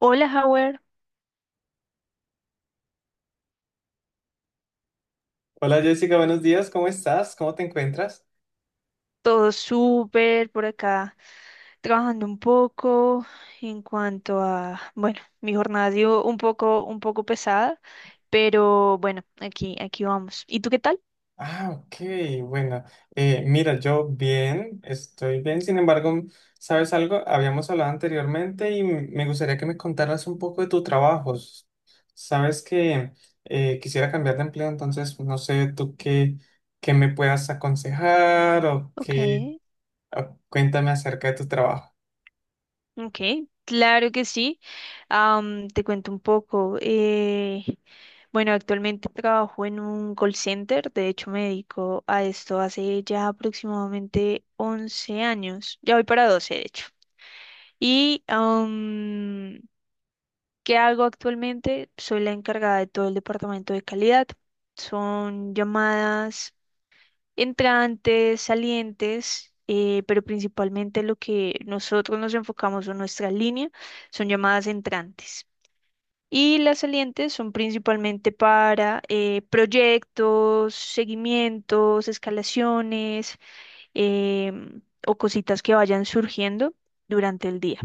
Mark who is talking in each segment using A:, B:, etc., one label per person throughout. A: Hola, Howard.
B: Hola Jessica, buenos días, ¿cómo estás? ¿Cómo te encuentras?
A: Todo súper por acá, trabajando un poco en cuanto a, bueno, mi jornada ha sido un poco pesada, pero bueno, aquí vamos. ¿Y tú qué tal?
B: Ah, ok, bueno, mira, yo bien, estoy bien, sin embargo, ¿sabes algo? Habíamos hablado anteriormente y me gustaría que me contaras un poco de tu trabajo. Sabes que quisiera cambiar de empleo, entonces no sé tú qué me puedas aconsejar o
A: Ok,
B: qué, o cuéntame acerca de tu trabajo.
A: ok, claro que sí. Te cuento un poco. Bueno, actualmente trabajo en un call center, de hecho me dedico a esto hace ya aproximadamente 11 años, ya voy para 12 de hecho. Y ¿qué hago actualmente? Soy la encargada de todo el departamento de calidad. Son llamadas entrantes, salientes, pero principalmente lo que nosotros nos enfocamos en nuestra línea son llamadas entrantes. Y las salientes son principalmente para proyectos, seguimientos, escalaciones, em, o cositas que vayan surgiendo durante el día.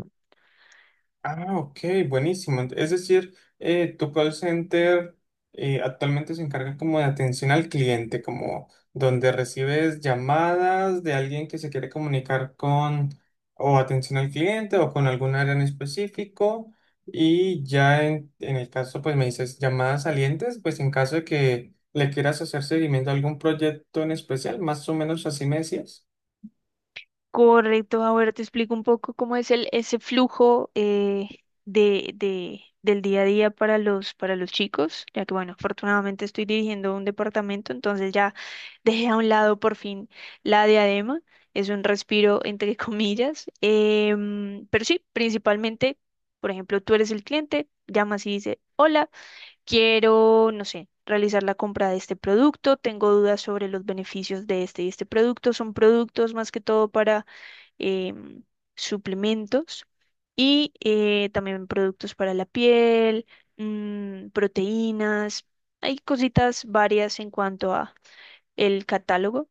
B: Ah, ok, buenísimo. Es decir, tu call center actualmente se encarga como de atención al cliente, como donde recibes llamadas de alguien que se quiere comunicar con o atención al cliente o con algún área en específico. Y ya en el caso, pues me dices llamadas salientes, pues en caso de que le quieras hacer seguimiento a algún proyecto en especial, más o menos así me decías.
A: Correcto, ahora te explico un poco cómo es ese flujo, del día a día para los chicos, ya que, bueno, afortunadamente estoy dirigiendo un departamento, entonces ya dejé a un lado por fin la diadema. Es un respiro entre comillas, pero sí, principalmente, por ejemplo, tú eres el cliente, llamas y dices, quiero, no sé, realizar la compra de este producto, tengo dudas sobre los beneficios de este y este producto. Son productos más que todo para, em, suplementos y, también productos para la piel, proteínas. Hay cositas varias en cuanto a el catálogo,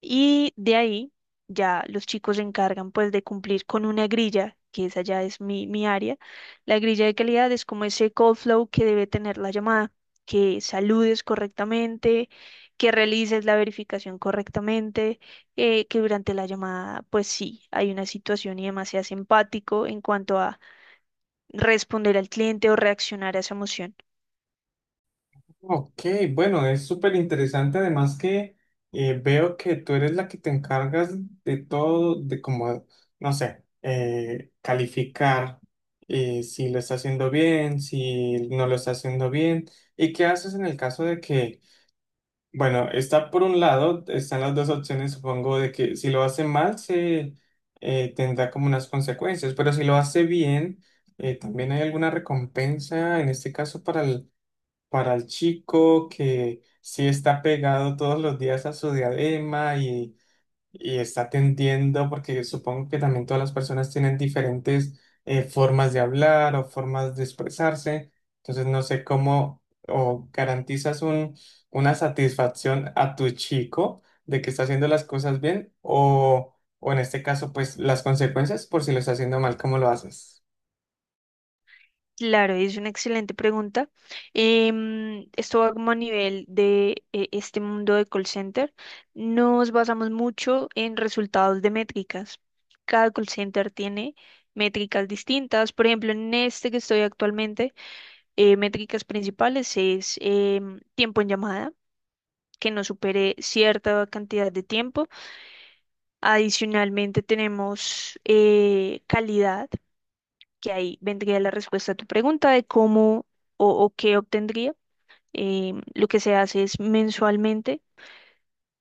A: y de ahí ya los chicos se encargan pues de cumplir con una grilla, que esa ya es mi área. La grilla de calidad es como ese call flow que debe tener la llamada, que saludes correctamente, que realices la verificación correctamente, que durante la llamada pues sí, hay una situación y demás seas empático en cuanto a responder al cliente o reaccionar a esa emoción.
B: Ok, bueno, es súper interesante. Además que veo que tú eres la que te encargas de todo, de como, no sé, calificar si lo está haciendo bien, si no lo está haciendo bien. ¿Y qué haces en el caso de que, bueno, está por un lado, están las dos opciones, supongo, de que si lo hace mal se tendrá como unas consecuencias, pero si lo hace bien, también hay alguna recompensa en este caso para el chico que sí está pegado todos los días a su diadema y está atendiendo, porque supongo que también todas las personas tienen diferentes formas de hablar o formas de expresarse, entonces no sé cómo o garantizas un, una satisfacción a tu chico de que está haciendo las cosas bien o en este caso pues las consecuencias por si lo está haciendo mal, ¿cómo lo haces?
A: Claro, es una excelente pregunta. Esto va como a nivel de, este mundo de call center. Nos basamos mucho en resultados de métricas. Cada call center tiene métricas distintas. Por ejemplo, en este que estoy actualmente, métricas principales es, tiempo en llamada, que no supere cierta cantidad de tiempo. Adicionalmente tenemos, calidad, que ahí vendría la respuesta a tu pregunta de cómo o qué obtendría. Lo que se hace es mensualmente,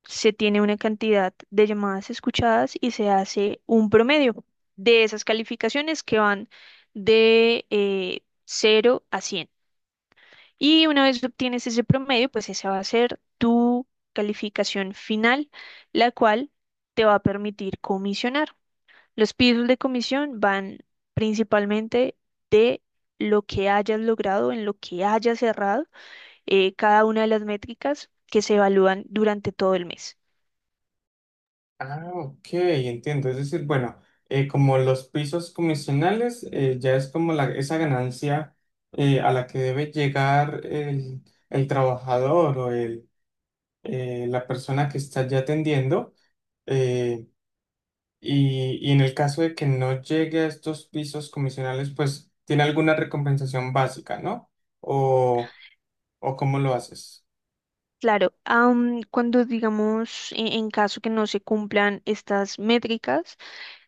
A: se tiene una cantidad de llamadas escuchadas y se hace un promedio de esas calificaciones que van de, 0 a 100. Y una vez obtienes ese promedio, pues esa va a ser tu calificación final, la cual te va a permitir comisionar. Los pisos de comisión van principalmente de lo que hayas logrado, en lo que hayas cerrado, cada una de las métricas que se evalúan durante todo el mes.
B: Ah, ok, entiendo. Es decir, bueno, como los pisos comisionales, ya es como la, esa ganancia a la que debe llegar el trabajador o el, la persona que está ya atendiendo. eh, y en el caso de que no llegue a estos pisos comisionales, pues tiene alguna recompensación básica, ¿no? O, o ¿cómo lo haces?
A: Claro, cuando digamos, en caso que no se cumplan estas métricas,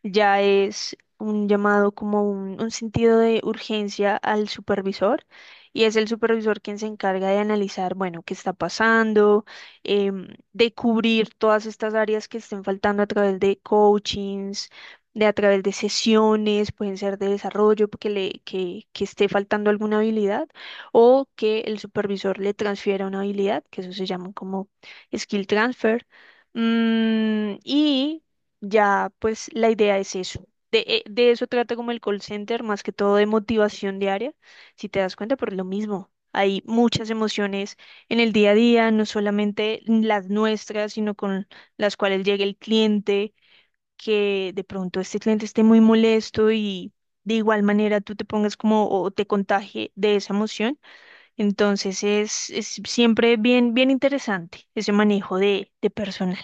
A: ya es un llamado como un sentido de urgencia al supervisor, y es el supervisor quien se encarga de analizar, bueno, qué está pasando, de cubrir todas estas áreas que estén faltando a través de coachings, de a través de sesiones, pueden ser de desarrollo, porque que esté faltando alguna habilidad, o que el supervisor le transfiera una habilidad, que eso se llama como skill transfer. Y ya pues la idea es eso. De eso trata como el call center, más que todo de motivación diaria. Si te das cuenta, por lo mismo, hay muchas emociones en el día a día, no solamente las nuestras, sino con las cuales llega el cliente, que de pronto este cliente esté muy molesto y de igual manera tú te pongas como o te contagie de esa emoción. Entonces es siempre bien, bien interesante ese manejo de personal.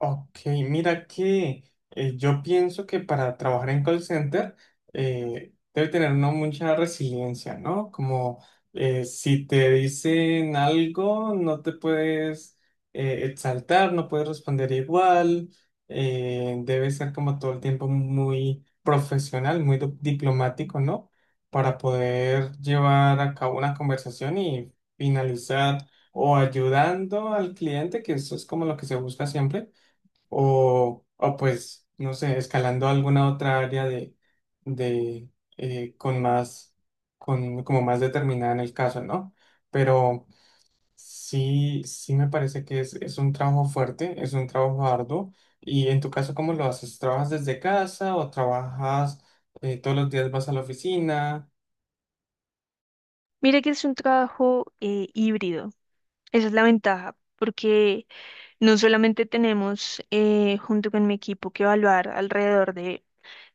B: Ok, mira que yo pienso que para trabajar en call center debe tener uno mucha resiliencia, ¿no? Como si te dicen algo, no te puedes exaltar, no puedes responder igual, debe ser como todo el tiempo muy profesional, muy diplomático, ¿no? Para poder llevar a cabo una conversación y finalizar o ayudando al cliente, que eso es como lo que se busca siempre o pues, no sé, escalando alguna otra área de, de con más, con, como más determinada en el caso, ¿no? Pero sí, sí me parece que es un trabajo fuerte, es un trabajo arduo. Y en tu caso, ¿cómo lo haces? ¿Trabajas desde casa o trabajas todos los días vas a la oficina?
A: Mira que es un trabajo, híbrido. Esa es la ventaja, porque no solamente tenemos, junto con mi equipo, que evaluar alrededor de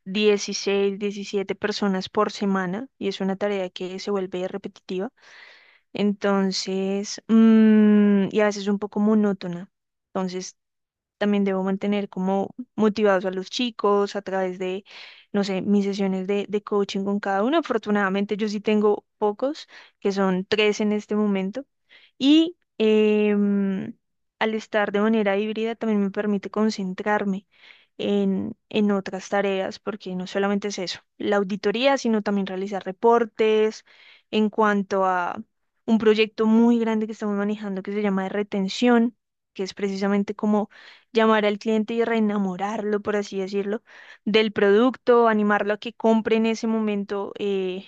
A: 16, 17 personas por semana, y es una tarea que se vuelve repetitiva, entonces, y a veces un poco monótona. Entonces, también debo mantener como motivados a los chicos a través de, no sé, mis sesiones de coaching con cada uno. Afortunadamente yo sí tengo pocos, que son tres en este momento. Y, al estar de manera híbrida, también me permite concentrarme en otras tareas, porque no solamente es eso, la auditoría, sino también realizar reportes en cuanto a un proyecto muy grande que estamos manejando, que se llama de retención, que es precisamente como llamar al cliente y reenamorarlo, por así decirlo, del producto, animarlo a que compre en ese momento,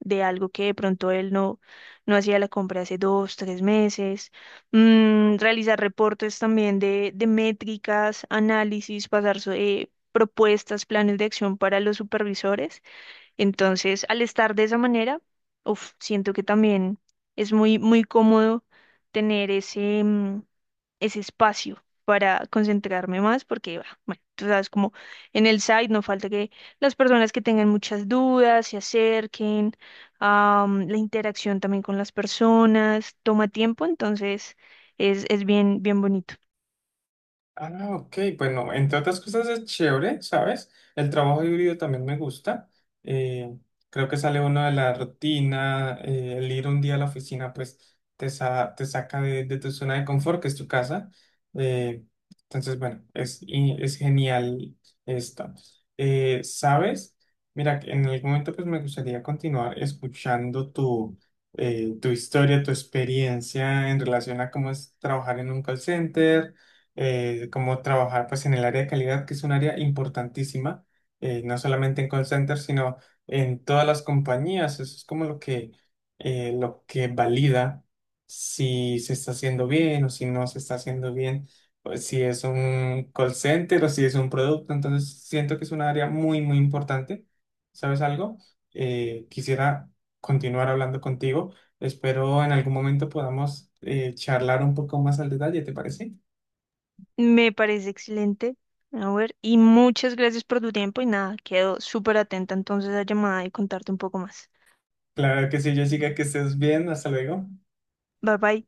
A: de algo que de pronto él no hacía la compra hace 2, 3 meses. Realizar reportes también de métricas, análisis, pasar propuestas, planes de acción para los supervisores. Entonces, al estar de esa manera, uf, siento que también es muy, muy cómodo tener ese espacio para concentrarme más, porque, bah, bueno, tú sabes, como en el site no falta que las personas que tengan muchas dudas se acerquen. La interacción también con las personas toma tiempo, entonces es bien, bien bonito.
B: Ah, ok, bueno, entre otras cosas es chévere, ¿sabes? El trabajo híbrido también me gusta. eh, Creo que sale uno de la rutina, el ir un día a la oficina, pues te saca de tu zona de confort, que es tu casa. eh, entonces, bueno, es, y es genial esto. ¿Sabes? Mira, que en algún momento pues me gustaría continuar escuchando tu, tu historia, tu experiencia en relación a cómo es trabajar en un call center como trabajar pues en el área de calidad, que es un área importantísima, no solamente en call center, sino en todas las compañías. Eso es como lo que valida si se está haciendo bien o si no se está haciendo bien, o si es un call center o si es un producto. Entonces siento que es un área muy, muy importante. ¿Sabes algo? Quisiera continuar hablando contigo. Espero en algún momento podamos charlar un poco más al detalle, ¿te parece?
A: Me parece excelente. A ver, y muchas gracias por tu tiempo y nada, quedo súper atenta entonces a la llamada y contarte un poco más.
B: Claro que sí, Jessica, que estés bien, hasta luego.
A: Bye bye.